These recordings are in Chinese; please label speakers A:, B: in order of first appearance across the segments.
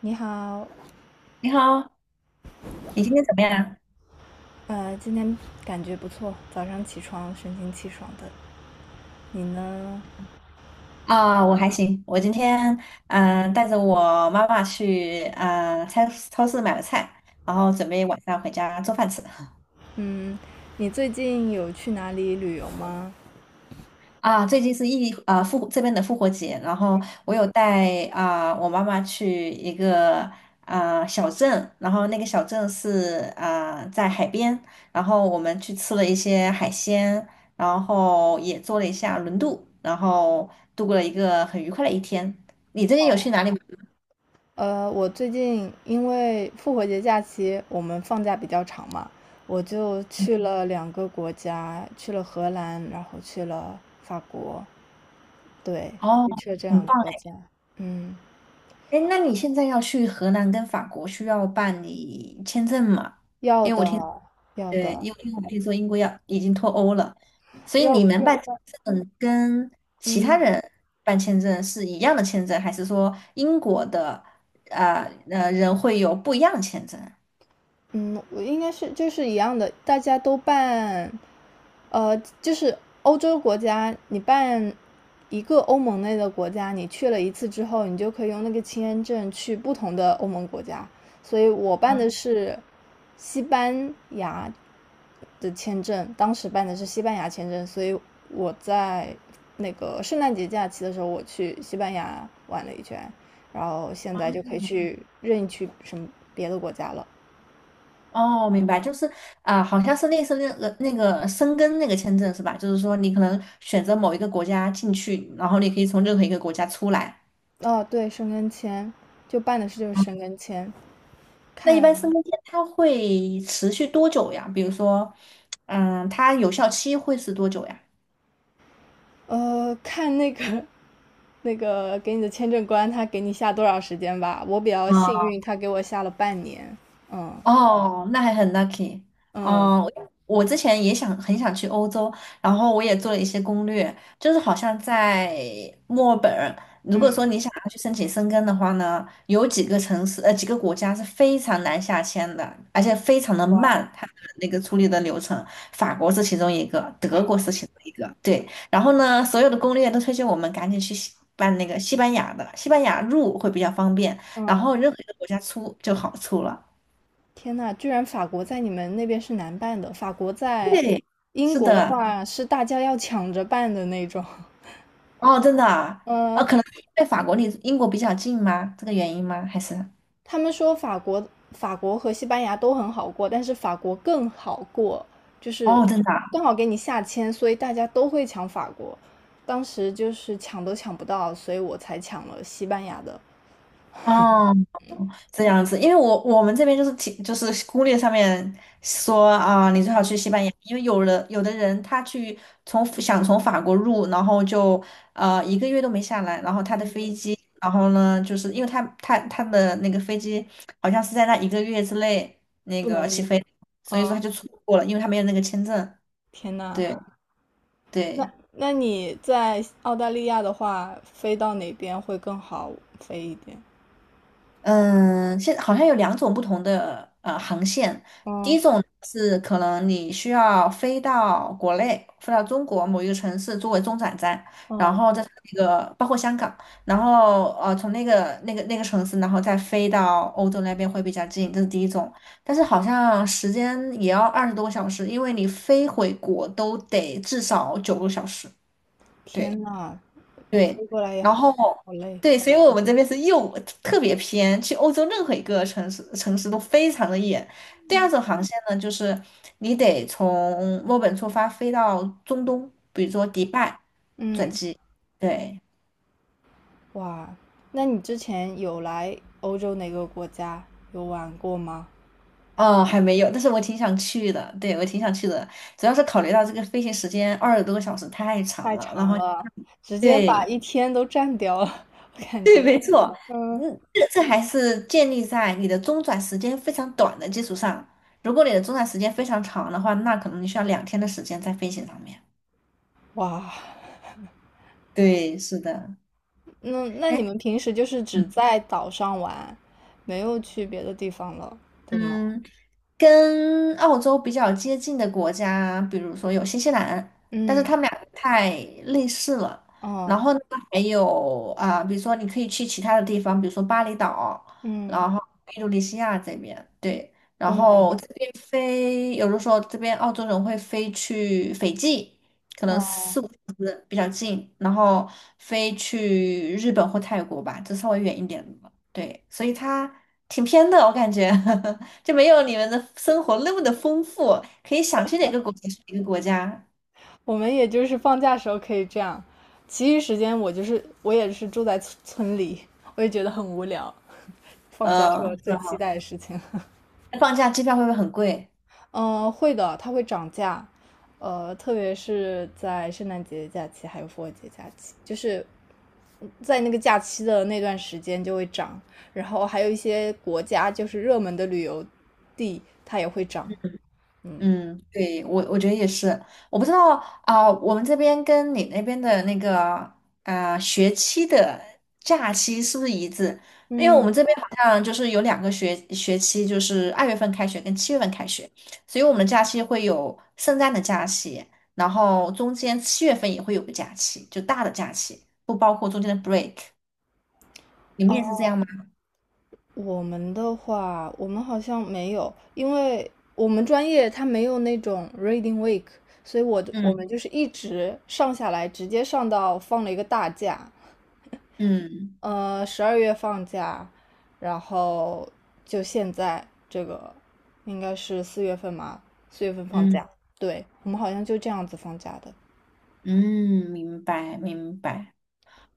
A: 你好，
B: 你好，你今天怎么样？
A: 今天感觉不错，早上起床神清气爽的。你呢？
B: 我还行。我今天带着我妈妈去超市买了菜，然后准备晚上回家做饭吃。
A: 嗯，你最近有去哪里旅游吗？
B: 最近是异地啊、呃、复活这边的复活节，然后我有带我妈妈去一个小镇，然后那个小镇是在海边，然后我们去吃了一些海鲜，然后也做了一下轮渡，然后度过了一个很愉快的一天。你最近有去哪里？
A: 我最近因为复活节假期我们放假比较长嘛，我就去了两个国家，去了荷兰，然后去了法国，对，
B: 哦，
A: 就去了这
B: 很
A: 两个
B: 棒。
A: 国家。嗯，
B: 哎！哎，那你现在要去荷兰跟法国，需要办理签证吗？
A: 要的，要
B: 对，
A: 的。
B: 因为我听说英国要已经脱欧了，所以
A: 要
B: 你们
A: 要
B: 办签
A: 不然。
B: 证跟其他
A: 嗯，
B: 人办签证是一样的签证，还是说英国的人会有不一样的签证？
A: 嗯，我应该是就是一样的，大家都办，呃，就是欧洲国家，你办一个欧盟内的国家，你去了一次之后，你就可以用那个签证去不同的欧盟国家。所以我办的是西班牙的签证，当时办的是西班牙签证，所以我在那个圣诞节假期的时候，我去西班牙玩了一圈，然后现在就可以去任意去什么别的国家了。
B: 哦，明白，就是好像是类似那个申根那个签证是吧？就是说你可能选择某一个国家进去，然后你可以从任何一个国家出来。
A: 哦，对，申根签就办的事就是申根签，
B: 那一
A: 看
B: 般身份证它会持续多久呀？比如说，它有效期会是多久呀？
A: 看那个 那个给你的签证官他给你下多少时间吧。我比较幸运，他给我下了半年。嗯
B: 哦，那还很 lucky
A: 嗯
B: 哦。我之前也想很想去欧洲，然后我也做了一些攻略，就是好像在墨尔本，如果
A: 嗯，
B: 说你想要去申请申根的话呢，有几个国家是非常难下签的，而且非常的
A: 哇，
B: 慢，它的那个处理的流程，法国是其中一个，德国是其中一个，对。然后呢，所有的攻略都推荐我们赶紧去办那个西班牙的，西班牙入会比较方便，然
A: 嗯，
B: 后任何一个国家出就好出了。
A: 天呐，居然法国在你们那边是难办的。法国在
B: 对，
A: 英
B: 是
A: 国的
B: 的，
A: 话是大家要抢着办的那种。
B: 哦，真的啊，哦，
A: 嗯，
B: 可能是因为法国离英国比较近吗？这个原因吗？还是
A: 他们说法国和西班牙都很好过，但是法国更好过，就
B: 哦，
A: 是
B: 真的
A: 刚好给你下签，所以大家都会抢法国。当时就是抢都抢不到，所以我才抢了西班牙的。
B: 啊，哦，这样子，因为我们这边就是提就是攻略上面说你最好去
A: 嗯，
B: 西班牙，因为有的人他想从法国入，然后就一个月都没下来，然后他的飞机，然后呢，就是因为他的那个飞机好像是在那一个月之内那
A: 不
B: 个起
A: 能。
B: 飞，所以说
A: 嗯，
B: 他就错过了，因为他没有那个签证，
A: 天呐，
B: 对。
A: 那
B: 对，
A: 那你在澳大利亚的话，飞到哪边会更好飞一点？
B: 嗯，现好像有两种不同的航线。第
A: 嗯
B: 一种是可能你需要飞到国内，飞到中国某一个城市作为中转站，然
A: 嗯，
B: 后在那个包括香港，然后从那个城市，然后再飞到欧洲那边会比较近，这是第一种。但是好像时间也要二十多个小时，因为你飞回国都得至少九个小时。对。
A: 天呐，
B: 对，
A: 飞过来也
B: 然
A: 好
B: 后
A: 好累。
B: 对，所以我们这边是又特别偏，去欧洲任何一个城市都非常的远。第二种航线呢，就是你得从墨尔本出发飞到中东，比如说迪拜转
A: 嗯，
B: 机。对，
A: 哇，那你之前有来欧洲哪个国家有玩过吗？
B: 哦，还没有，但是我挺想去的。对，我挺想去的，主要是考虑到这个飞行时间二十多个小时太长
A: 太
B: 了，然
A: 长
B: 后
A: 了，直接把
B: 对
A: 一天都占掉了，我 感
B: 对，
A: 觉
B: 没错，
A: 嗯，
B: 嗯，这这还是建立在你的中转时间非常短的基础上。如果你的中转时间非常长的话，那可能你需要2天的时间在飞行上面。
A: 哇，
B: 对，是的。
A: 那你
B: 哎，
A: 们平时就是只在岛上玩，没有去别的地方了，对吗？
B: 嗯，跟澳洲比较接近的国家，比如说有新西兰，但是
A: 嗯，
B: 他们俩太类似了。然
A: 哦，
B: 后呢，还有比如说你可以去其他的地方，比如说巴厘岛，
A: 嗯，
B: 然后印度尼西亚这边，对。然
A: 东南
B: 后
A: 亚，
B: 这边飞，有的时候这边澳洲人会飞去斐济，可能
A: 哦，
B: 4、5个小时比较近，然后飞去日本或泰国吧，这稍微远一点的。对，所以它挺偏的，我感觉。就没有你们的生活那么的丰富，可以想去哪个国家去哪个国家。
A: 我们也就是放假时候可以这样，其余时间我就是我也是住在村里，我也觉得很无聊，放假是我
B: 嗯，是
A: 最期
B: 哈。
A: 待的事情。
B: 放假机票会不会很贵？
A: 嗯，会的，它会涨价，特别是在圣诞节假期还有复活节假期，就是在那个假期的那段时间就会涨，然后还有一些国家就是热门的旅游地，它也会涨。嗯
B: 嗯，对，我我觉得也是。我不知道啊，我们这边跟你那边的那个学期的假期是不是一致？因为我
A: 嗯，
B: 们这边好像就是有两个学期，就是2月份开学跟七月份开学，所以我们的假期会有圣诞的假期，然后中间七月份也会有个假期，就大的假期，不包括中间的 break。你们也是这样吗？
A: 我们的话，我们好像没有，因为我们专业它没有那种 reading week，所以我我
B: 嗯，
A: 们就是一直上下来，直接上到放了一个大假，
B: 嗯，
A: 十二月放假，然后就现在这个应该是四月份嘛，四月份放
B: 嗯，
A: 假。对，我们好像就这样子放假的。
B: 嗯，明白明白。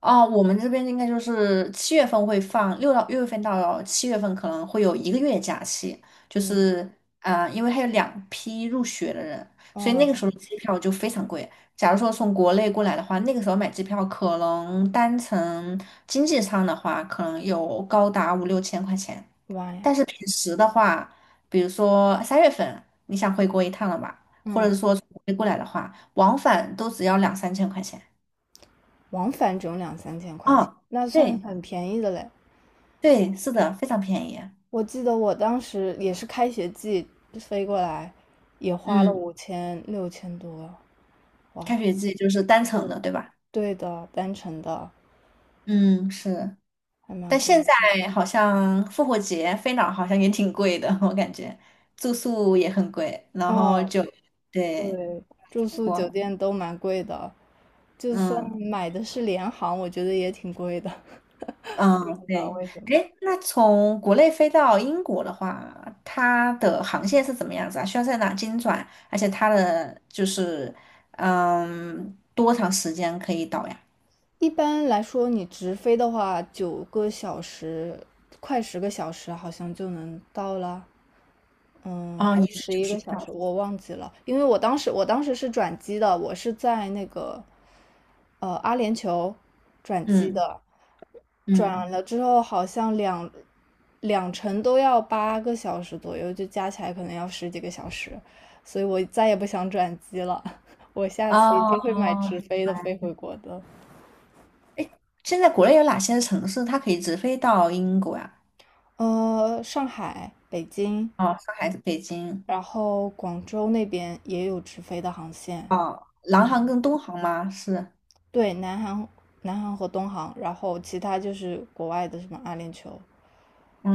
B: 哦，我们这边应该就是七月份会放，6月份到七月份可能会有一个月假期，就
A: 嗯，
B: 是因为还有两批入学的人，所以那个
A: 哦，
B: 时候的机票就非常贵。假如说从国内过来的话，那个时候买机票可能单程经济舱的话，可能有高达5、6千块钱。
A: 妈呀。
B: 但是平时的话，比如说3月份你想回国一趟了吧，或者
A: 嗯，
B: 是说从国内过来的话，往返都只要2、3千块钱。
A: 往返只有两三千块钱，
B: 哦，
A: 那算
B: 对，
A: 很便宜的嘞。
B: 对，是的，非常便宜。
A: 我记得我当时也是开学季飞过来，也花了
B: 嗯，
A: 五千六千多，哇，
B: 开学季就是单
A: 对，
B: 程的，对吧？
A: 对的，单程的
B: 嗯，是。
A: 还蛮
B: 但
A: 贵
B: 现
A: 的。
B: 在好像复活节飞哪儿好像也挺贵的，我感觉住宿也很贵，然后
A: 哦，
B: 就对，
A: 对，住
B: 韩
A: 宿酒
B: 国。
A: 店都蛮贵的，就算
B: 嗯。
A: 买的是联航，我觉得也挺贵的，不
B: 嗯，
A: 知
B: 对，
A: 道为什么。
B: 哎，那从国内飞到英国的话，它的航线是怎么样子啊？需要在哪经转？而且它的就是，嗯，多长时间可以到呀？
A: 一般来说，你直飞的话，9个小时，快10个小时，好像就能到了。嗯，
B: 嗯，
A: 还
B: 也
A: 是
B: 是
A: 十一
B: 就是
A: 个小
B: 小
A: 时，
B: 时
A: 我忘记了，因为我当时是转机的，我是在那个阿联酋转机
B: 嗯
A: 的，
B: 嗯，
A: 转了之后好像两程都要8个小时左右，就加起来可能要十几个小时，所以我再也不想转机了，我下次一
B: 哦，
A: 定会买直飞的飞回国的。
B: 现在国内有哪些城市它可以直飞到英国呀？
A: 上海、北京，
B: 哦，上海、北京，
A: 然后广州那边也有直飞的航线，
B: 哦，南航
A: 嗯。
B: 跟东航吗？是，
A: 对，南航和东航，然后其他就是国外的什么阿联酋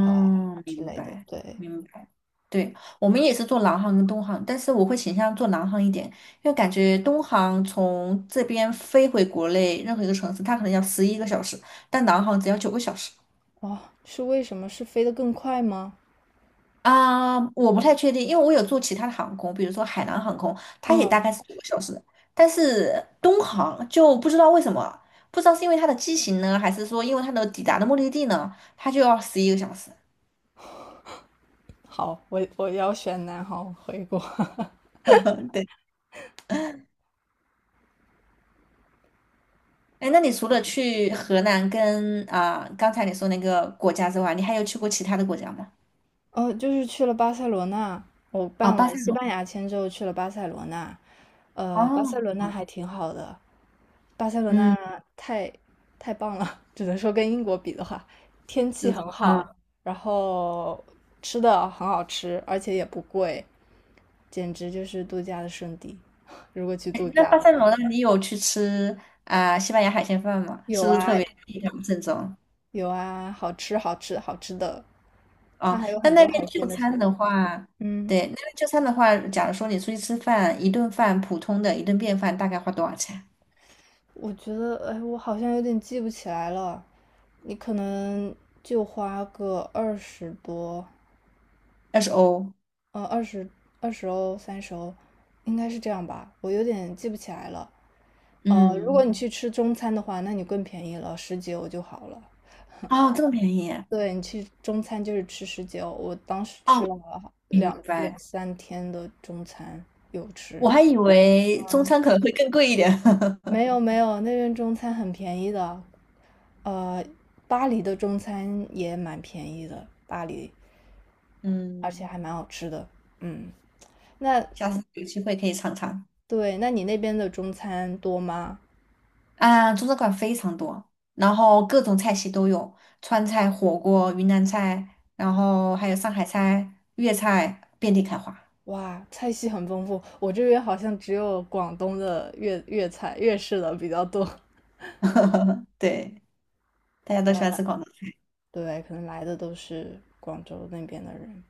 A: 啊、呃之
B: 明
A: 类的。
B: 白，
A: 对，
B: 明白。对，我们也是做南航跟东航，但是我会倾向做南航一点，因为感觉东航从这边飞回国内任何一个城市，它可能要十一个小时，但南航只要九个小时。
A: 哇、哦，是为什么？是飞得更快吗？
B: 我不太确定，因为我有做其他的航空，比如说海南航空，它也
A: 嗯，
B: 大概是九个小时，但是东航就不知道为什么，不知道是因为它的机型呢，还是说因为它的抵达的目的地呢，它就要十一个小时。
A: 好，我要选南航回国。
B: 对。哎，那你除了去河南跟刚才你说那个国家之外，你还有去过其他的国家吗？
A: 哦，就是去了巴塞罗那，我
B: 哦，
A: 办
B: 巴
A: 完
B: 塞
A: 西
B: 罗
A: 班牙签之后去了巴塞罗那，
B: 那
A: 巴
B: 哦，
A: 塞罗那
B: 好，
A: 还挺好的，巴塞罗
B: 嗯，
A: 那太棒了，只能说跟英国比的话，天气
B: 是，
A: 很
B: 啊。
A: 好，然后吃的很好吃，而且也不贵，简直就是度假的圣地。如果去
B: 哎
A: 度
B: 那
A: 假
B: 巴
A: 的
B: 塞
A: 话，
B: 罗那你有去吃西班牙海鲜饭吗？
A: 有
B: 是不是特
A: 啊
B: 别地道正宗？
A: 有啊，好吃好吃好吃的，它
B: 哦，
A: 还有
B: 那
A: 很
B: 那
A: 多海
B: 边就
A: 鲜的食
B: 餐
A: 物。
B: 的话，
A: 嗯，
B: 对，那边就餐的话，假如说你出去吃饭，一顿饭普通的一顿便饭大概花多少钱？
A: 我觉得，哎，我好像有点记不起来了。你可能就花个二十多，
B: 20欧。
A: 呃，二十二十欧30欧，应该是这样吧？我有点记不起来了。如果
B: 嗯，
A: 你去吃中餐的话，那你更便宜了，十几欧就好了。
B: 哦，这么便宜。
A: 对你去中餐就是吃十九，我当时吃
B: 哦，
A: 了
B: 明
A: 两
B: 白。
A: 两三天的中餐，有吃。
B: 我还以为中餐可能会更贵一点。
A: 没有没有，那边中餐很便宜的，呃，巴黎的中餐也蛮便宜的，巴黎，而且
B: 嗯，
A: 还蛮好吃的。嗯，那
B: 下次有机会可以尝尝。
A: 对，那你那边的中餐多吗？
B: 啊，中餐馆非常多，然后各种菜系都有，川菜、火锅、云南菜，然后还有上海菜、粤菜，遍地开花。
A: 哇，菜系很丰富，我这边好像只有广东的粤菜、粤式的比较多，
B: 对，大家
A: 可
B: 都
A: 能
B: 喜欢
A: 来
B: 吃广东菜。
A: 对，可能来的都是广州那边的人。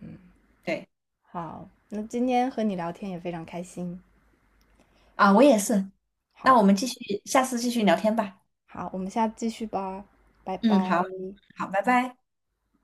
A: 嗯，
B: 对，
A: 好，那今天和你聊天也非常开心。
B: 啊，我也是。那我
A: 好，
B: 们继续，下次继续聊天吧。
A: 好，我们下次继续吧，拜拜。
B: 嗯，好，好，拜拜。